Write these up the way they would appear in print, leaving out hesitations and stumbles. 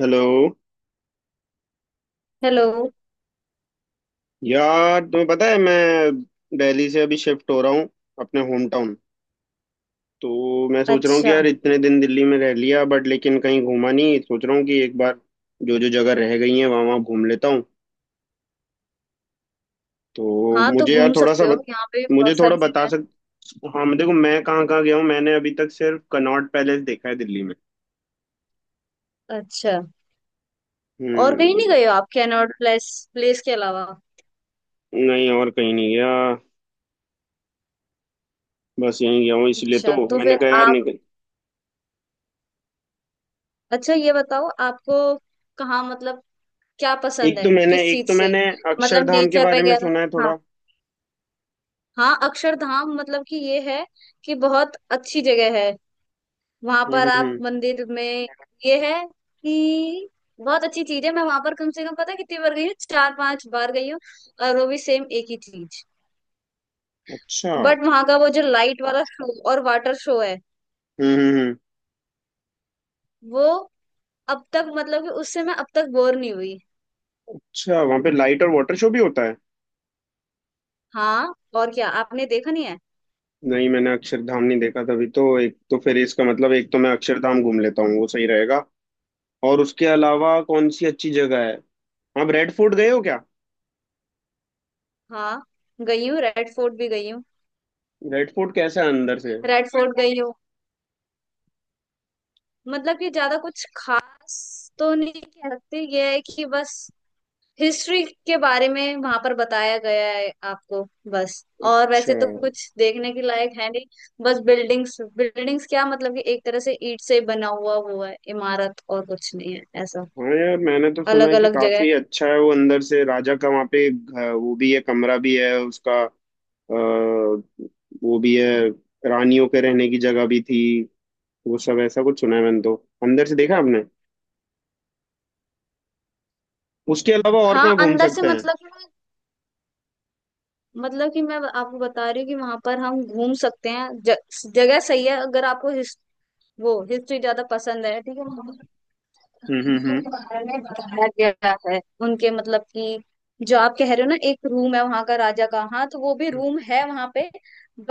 Hello. Hello. यार, तुम्हें पता है मैं दिल्ली से अभी शिफ्ट हो रहा हूँ अपने होम टाउन। तो मैं सोच रहा हूँ कि अच्छा। यार, इतने दिन दिल्ली में रह लिया बट लेकिन कहीं घूमा नहीं। सोच रहा हूँ कि एक बार जो जो जगह रह गई है वहाँ वहाँ घूम लेता हूँ। तो हाँ, तो मुझे यार घूम थोड़ा सा सकते हो, यहाँ पे भी मुझे बहुत थोड़ा सारी बता जगह सक हाँ, मैं देखो, मैं कहाँ कहाँ गया हूँ। मैंने अभी तक सिर्फ कनॉट पैलेस देखा है दिल्ली में। है। अच्छा, और कहीं नहीं हम्म। गए हो आप? कैनॉट प्लेस प्लेस के अलावा? नहीं, और कहीं नहीं गया। बस यहीं गया हूँ, इसलिए तो अच्छा तो मैंने फिर कहा यार आप, निकल। अच्छा ये बताओ आपको कहाँ, मतलब क्या पसंद एक है, तो मैंने किस एक चीज तो से? मैंने मतलब अक्षरधाम के नेचर बारे में वगैरह? सुना है हाँ, थोड़ा। हाँ। अक्षरधाम, मतलब कि ये है कि बहुत अच्छी जगह है। वहां हम्म। पर आप मंदिर में, ये है कि बहुत अच्छी चीज है। मैं वहां पर कम से कम पता है कितनी बार गई हूँ, 4-5 बार गई हूँ। और वो भी सेम एक ही चीज। अच्छा। हम्म। बट वहां का वो जो लाइट वाला शो और वाटर शो है हम्म, हम्म, वो अब तक, मतलब कि उससे मैं अब तक बोर नहीं हुई। अच्छा, वहां पे लाइट और वाटर शो भी होता है? हाँ, और क्या आपने देखा नहीं है? नहीं, मैंने अक्षरधाम नहीं देखा। तभी तो एक तो फिर इसका मतलब एक तो मैं अक्षरधाम घूम लेता हूँ, वो सही रहेगा। और उसके अलावा कौन सी अच्छी जगह है? आप रेड फोर्ट गए हो क्या? हाँ, गई हूँ, रेड फोर्ट भी गई हूँ। रेड फोर्ट कैसा है अंदर से? रेड फोर्ट गई हूँ, मतलब कि ज्यादा कुछ खास तो नहीं कह सकते। ये है कि बस हिस्ट्री के बारे में वहां पर बताया गया है आपको, बस। और वैसे अच्छा। तो कुछ देखने के लायक है नहीं। बस बिल्डिंग्स बिल्डिंग्स, क्या मतलब कि एक तरह से ईंट से बना हुआ हुआ है इमारत, और कुछ नहीं है ऐसा। हाँ यार, मैंने तो सुना अलग है कि अलग जगह। काफी अच्छा है वो अंदर से। राजा का वहाँ पे वो भी है, कमरा भी है उसका, वो भी है। रानियों के रहने की जगह भी थी, वो सब ऐसा कुछ सुना है मैंने तो। अंदर से देखा आपने? उसके अलावा और हाँ कहाँ घूम अंदर से सकते हैं? मतलब, मतलब कि मैं आपको बता रही हूँ कि वहां पर हम घूम सकते हैं। जगह सही है। अगर आपको वो हिस्ट्री ज्यादा पसंद है, ठीक है, वहाँ पर हम्म, हम्म, चीजों के हम्म। बारे में बताया गया है उनके, मतलब कि जो आप कह रहे हो ना एक रूम है वहां का राजा का, हाँ तो वो भी रूम है वहां पे।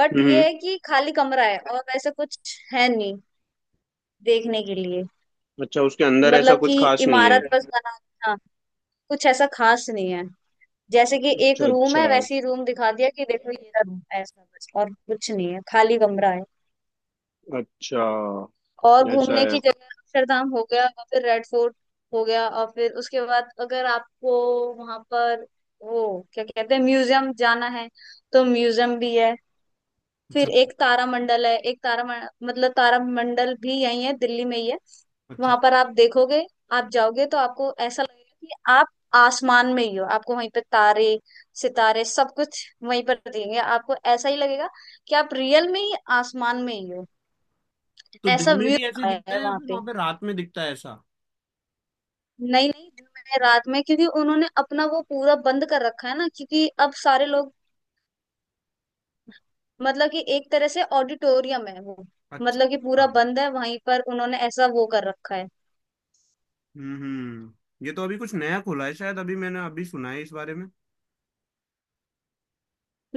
बट हम्म हम्म। ये है कि खाली कमरा है और वैसे कुछ है नहीं देखने के लिए। अच्छा, उसके अंदर ऐसा मतलब कि कुछ खास नहीं है। इमारत बस बना, हाँ, कुछ ऐसा खास नहीं है। जैसे कि एक अच्छा रूम अच्छा। है वैसे ही रूम दिखा दिया कि देखो ये रूम है ऐसा, बस और कुछ नहीं है, खाली कमरा है। अच्छा, और ऐसा घूमने है। की जगह अक्षरधाम हो गया और फिर रेड फोर्ट हो गया, और फिर उसके बाद अगर आपको वहां पर वो क्या कहते हैं म्यूजियम जाना है तो म्यूजियम भी है। अच्छा फिर एक तारामंडल है। एक तारा मतलब तारामंडल भी यही है, दिल्ली में ही है। अच्छा। वहां पर आप देखोगे, आप जाओगे तो आपको ऐसा लगेगा कि आप आसमान में ही हो। आपको वहीं पर तारे सितारे सब कुछ वहीं पर दिखेंगे। आपको ऐसा ही लगेगा कि आप रियल में ही आसमान में ही हो। तो ऐसा दिन में व्यू भी ऐसे ही दिखाया दिखता है है या वहां फिर पे। वहां पे रात में दिखता है ऐसा? नहीं नहीं, दिन में रात में, क्योंकि उन्होंने अपना वो पूरा बंद कर रखा है ना, क्योंकि अब सारे लोग, मतलब कि एक तरह से ऑडिटोरियम है वो, मतलब कि पूरा अच्छा। बंद है वहीं पर, उन्होंने ऐसा वो कर रखा है। हम्म, हम्म, ये तो अभी कुछ नया खुला है शायद, अभी मैंने अभी सुना है इस बारे में।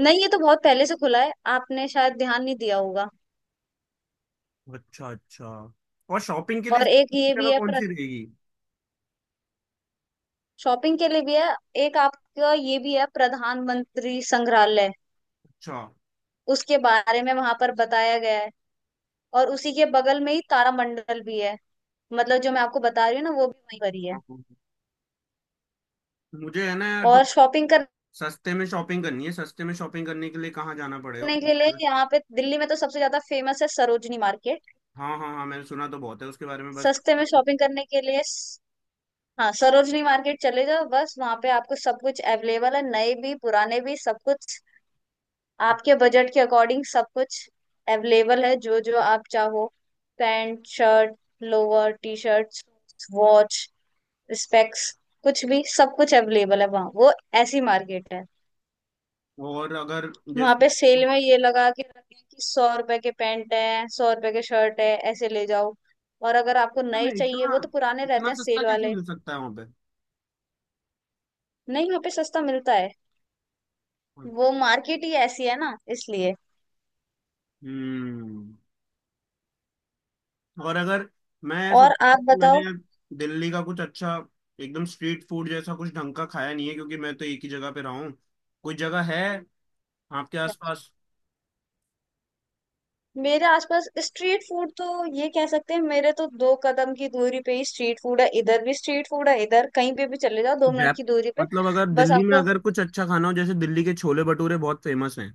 नहीं, ये तो बहुत पहले से खुला है, आपने शायद ध्यान नहीं दिया होगा। अच्छा अच्छा। और शॉपिंग के लिए और एक सबसे ये अच्छी जगह भी है कौन सी रहेगी? शॉपिंग के लिए भी है, एक आपका ये भी है प्रधानमंत्री संग्रहालय। अच्छा। उसके बारे में वहां पर बताया गया है, और उसी के बगल में ही तारामंडल भी है। मतलब जो मैं आपको बता रही हूँ ना वो भी वहीं पर ही है। मुझे है ना यार, और शॉपिंग सस्ते में शॉपिंग करनी है। सस्ते में शॉपिंग करने के लिए कहाँ जाना पड़ेगा, करने के लिए यहाँ पे दिल्ली में तो सबसे ज्यादा फेमस है सरोजनी मार्केट। हाँ हाँ हाँ, मैंने सुना तो बहुत है उसके बारे में। बस, सस्ते में शॉपिंग करने के लिए हाँ, सरोजनी मार्केट चले जाओ, बस वहां पे आपको सब कुछ अवेलेबल है, नए भी पुराने भी सब कुछ, आपके बजट के अकॉर्डिंग सब कुछ अवेलेबल है, जो जो आप चाहो। Pant shirt, lower T shirt, watch, specs, कुछ भी सब कुछ अवेलेबल है वहाँ, वो ऐसी मार्केट है। और अगर वहां जैसे पे सेल तो में ये लगा के रखे हैं कि 100 रुपए के पैंट है, 100 रुपए के शर्ट है, ऐसे ले जाओ। और अगर आपको नए मैं चाहिए, इतना, वो तो पुराने इतना रहते हैं सस्ता सेल कैसे वाले। मिल सकता है वहाँ पे? नहीं वहाँ पे सस्ता मिलता है, वो मार्केट ही ऐसी है ना इसलिए। हम्म। और अगर, मैं और सोचता आप था, बताओ। मैंने दिल्ली का कुछ अच्छा, एकदम स्ट्रीट फूड जैसा कुछ ढंग का खाया नहीं है, क्योंकि मैं तो एक ही जगह पे रहा हूँ। कोई जयपुर जगह है आपके आसपास? मेरे आसपास स्ट्रीट फूड तो ये कह सकते हैं, मेरे तो 2 कदम की दूरी पे ही स्ट्रीट फूड है। इधर भी स्ट्रीट फूड है, इधर कहीं पे भी चले जाओ, 2 मिनट की दूरी जयपुर पे। मतलब अगर बस दिल्ली में, आपको, अगर कुछ अच्छा खाना हो जैसे दिल्ली के छोले भटूरे बहुत फेमस हैं।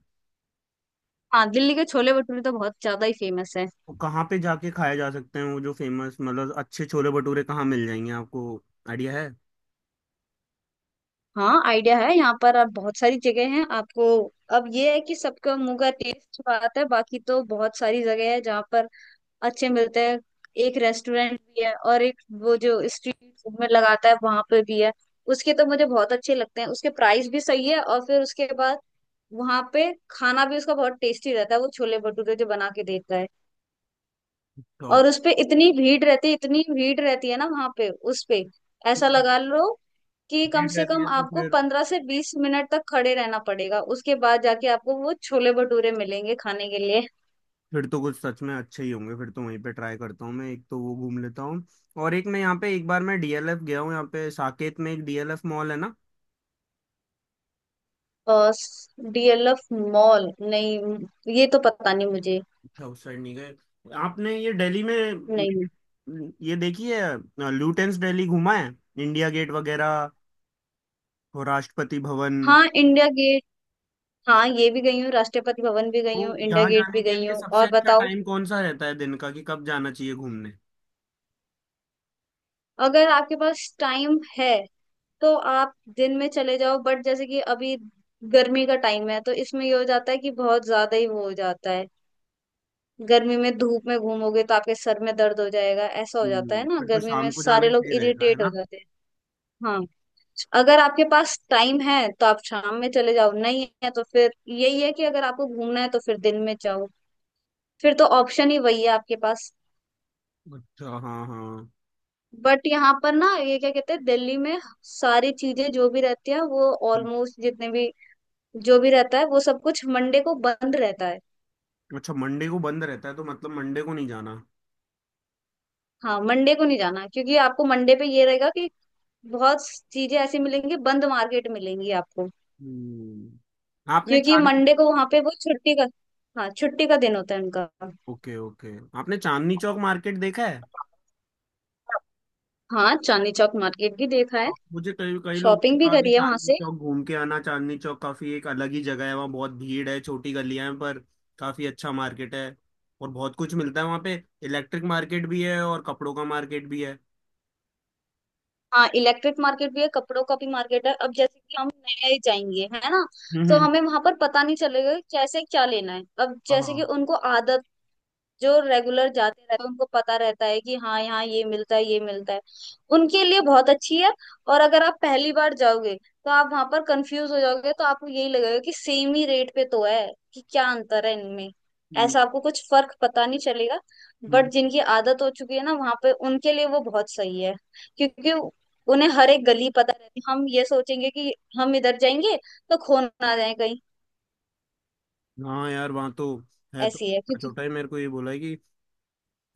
हाँ दिल्ली के छोले भटूरे तो बहुत ज्यादा ही फेमस है। वो कहाँ पे जाके खाए जा सकते हैं? वो जो फेमस मतलब अच्छे छोले भटूरे कहाँ मिल जाएंगे आपको? आइडिया है? हाँ आइडिया है, यहाँ पर आप, बहुत सारी जगह हैं आपको। अब ये है कि सबका मुंह का टेस्ट बात है, बाकी तो बहुत सारी जगह है जहाँ पर अच्छे मिलते हैं। एक रेस्टोरेंट भी है, और एक वो जो स्ट्रीट फूड में लगाता है, वहां पे भी है। उसके तो मुझे बहुत अच्छे लगते हैं, उसके प्राइस भी सही है। और फिर उसके बाद वहां पे खाना भी उसका बहुत टेस्टी रहता है, वो छोले भटूरे जो बना के देता है। तो और उसपे इतनी भीड़ रहती है, इतनी भीड़ रहती है ना वहां पे उस पे। ऐसा भीड़ लगा लो कि कम से रहती कम है तो आपको फिर 15 से 20 मिनट तक खड़े रहना पड़ेगा, उसके बाद जाके आपको वो छोले भटूरे मिलेंगे खाने के लिए। फिर तो कुछ सच में अच्छे ही होंगे, फिर तो वहीं पे ट्राई करता हूँ मैं। एक तो वो घूम लेता हूँ। और एक, मैं यहाँ पे एक बार मैं डीएलएफ गया हूँ। यहाँ पे साकेत में एक डीएलएफ मॉल है ना? डीएलएफ मॉल, नहीं ये तो पता नहीं मुझे। अच्छा, उस साइड नहीं गए आपने? ये दिल्ली में नहीं। ये देखी है, लुटेंस दिल्ली घूमा है, इंडिया गेट वगैरह और राष्ट्रपति भवन? हाँ इंडिया गेट, हाँ ये भी गई हूँ, राष्ट्रपति भवन भी गई तो हूँ, इंडिया यहाँ गेट भी जाने के गई लिए हूँ। सबसे और अच्छा बताओ। टाइम कौन सा रहता है दिन का, कि कब जाना चाहिए घूमने? अगर आपके पास टाइम है तो आप दिन में चले जाओ, बट जैसे कि अभी गर्मी का टाइम है तो इसमें ये हो जाता है कि बहुत ज्यादा ही वो हो जाता है। गर्मी में धूप में घूमोगे तो आपके सर में दर्द हो जाएगा, ऐसा हो जाता है हम्म, ना, फिर तो गर्मी में शाम को जाना सारे ही लोग सही रहेगा, है इरिटेट हो ना? जाते हैं। हाँ, अगर आपके पास टाइम है तो आप शाम में चले जाओ, नहीं है तो फिर यही है कि अगर आपको घूमना है तो फिर दिन में जाओ। फिर तो ऑप्शन ही वही है आपके पास। अच्छा, हाँ हाँ। बट यहाँ पर ना ये क्या कहते हैं, दिल्ली में सारी चीजें जो भी रहती है वो हम्म, ऑलमोस्ट, जितने भी जो भी रहता है वो सब कुछ मंडे को बंद रहता है। अच्छा, मंडे को बंद रहता है, तो मतलब मंडे को नहीं जाना? हाँ मंडे को नहीं जाना, क्योंकि आपको मंडे पे ये रहेगा कि बहुत चीजें ऐसी मिलेंगी, बंद मार्केट मिलेंगी आपको। हम्म, आपने क्योंकि चांदनी मंडे को वहां पे वो छुट्टी का, हाँ छुट्टी का दिन होता है उनका। ओके ओके, आपने चांदनी चौक मार्केट देखा है? हाँ चांदनी चौक मार्केट भी देखा है, मुझे कई कई लोग ने शॉपिंग भी कहा कि करी है वहां चांदनी से। चौक घूम के आना, चांदनी चौक काफी एक अलग ही जगह है, वहाँ बहुत भीड़ है, छोटी गलियां हैं, पर काफी अच्छा मार्केट है और बहुत कुछ मिलता है वहाँ पे। इलेक्ट्रिक मार्केट भी है और कपड़ों का मार्केट भी है। हाँ इलेक्ट्रिक मार्केट भी है, कपड़ों का भी मार्केट है। अब जैसे कि हम नए जाएंगे है ना, हम्म, तो हमें वहां पर पता नहीं चलेगा कि कैसे क्या लेना है। अब जैसे कि हाँ। उनको आदत, जो रेगुलर जाते रहते हैं उनको पता रहता है कि हाँ यहाँ ये मिलता है ये मिलता है, उनके लिए बहुत अच्छी है। और अगर आप पहली बार जाओगे तो आप वहां पर कंफ्यूज हो जाओगे, तो आपको यही लगेगा कि सेम ही रेट पे तो है, कि क्या अंतर है इनमें, हम्म, ऐसा आपको कुछ फर्क पता नहीं चलेगा। हम्म, बट जिनकी आदत हो चुकी है ना वहां पे, उनके लिए वो बहुत सही है, क्योंकि उन्हें हर एक गली पता रहती है। हम ये सोचेंगे कि हम इधर जाएंगे तो खो ना जाए कहीं, हाँ यार, वहाँ तो है तो ऐसी है छोटा क्योंकि। छोटा ही। मेरे को ये बोला है कि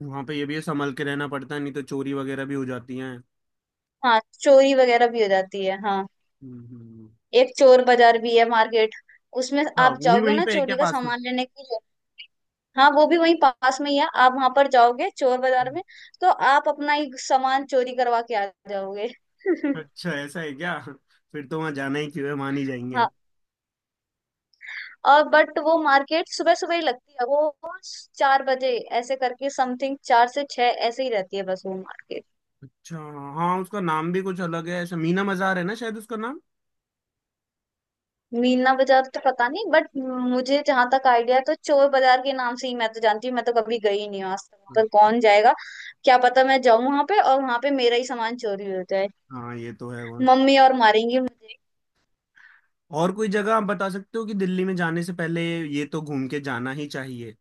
वहाँ पे ये भी है, संभल के रहना पड़ता है, नहीं तो चोरी वगैरह भी हो जाती हैं। हाँ चोरी वगैरह भी हो जाती है, हाँ। हम्म हम्म। एक चोर बाजार भी है मार्केट, उसमें अच्छा, आप वो भी जाओगे वहीं ना पे है क्या चोरी का पास में? सामान लेने के लिए। हाँ वो भी वहीं पास में ही है। आप वहां पर जाओगे चोर बाजार हम्म, में, तो आप अपना ही सामान चोरी करवा के आ जाओगे। अच्छा, ऐसा है क्या? फिर तो वहाँ जाना ही क्यों है, मान ही जाएंगे। हाँ। और बट वो मार्केट सुबह सुबह ही लगती है, वो 4 बजे ऐसे करके, समथिंग 4 से 6 ऐसे ही रहती है बस, वो मार्केट। अच्छा हाँ, उसका नाम भी कुछ अलग है ऐसा, मीना मजार है ना शायद उसका नाम? मीना बाजार तो पता नहीं बट, मुझे जहां तक आइडिया है तो चोर बाजार के नाम से ही मैं तो जानती हूँ। मैं तो कभी गई नहीं हूँ आज तक, पर कौन जाएगा, क्या पता मैं जाऊं वहां पे और वहां पे मेरा ही सामान चोरी हो जाए। हाँ, ये तो है वहाँ। मम्मी और मारेंगी मुझे। और कोई जगह आप बता सकते हो कि दिल्ली में जाने से पहले ये तो घूम के जाना ही चाहिए?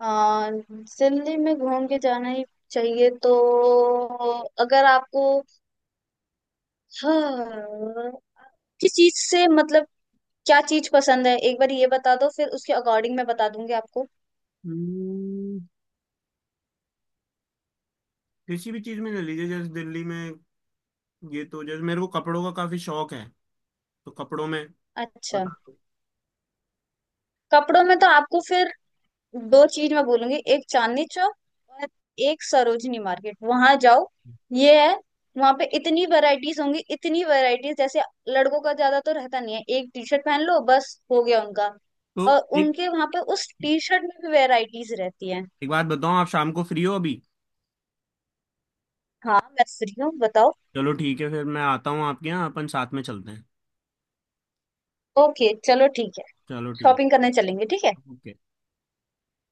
दिल्ली में घूम के जाना ही चाहिए तो, अगर आपको, हाँ, किस चीज से मतलब, क्या चीज पसंद है एक बार ये बता दो, फिर उसके अकॉर्डिंग मैं बता दूंगी आपको। हम्म, किसी भी चीज में ले लीजिए। जैसे दिल्ली में, ये तो जैसे मेरे को कपड़ों का काफी शौक है, तो कपड़ों में अच्छा, बता दो। कपड़ों में तो आपको फिर दो चीज मैं बोलूंगी, एक चांदनी चौक और एक सरोजनी मार्केट, वहां जाओ। ये है, वहां पे इतनी वैरायटीज होंगी, इतनी वैरायटीज, जैसे लड़कों का ज्यादा तो रहता नहीं है, एक टी शर्ट पहन लो बस हो गया उनका, और तो एक उनके वहां पे उस टी शर्ट में भी वैरायटीज रहती हैं। एक बात बताओ, आप शाम को फ्री हो अभी? हाँ मैं फ्री हूँ, बताओ। चलो ठीक है, फिर मैं आता हूँ आपके यहाँ, अपन साथ में चलते हैं। ओके चलो ठीक है, चलो ठीक। शॉपिंग करने चलेंगे, ठीक है। ओके।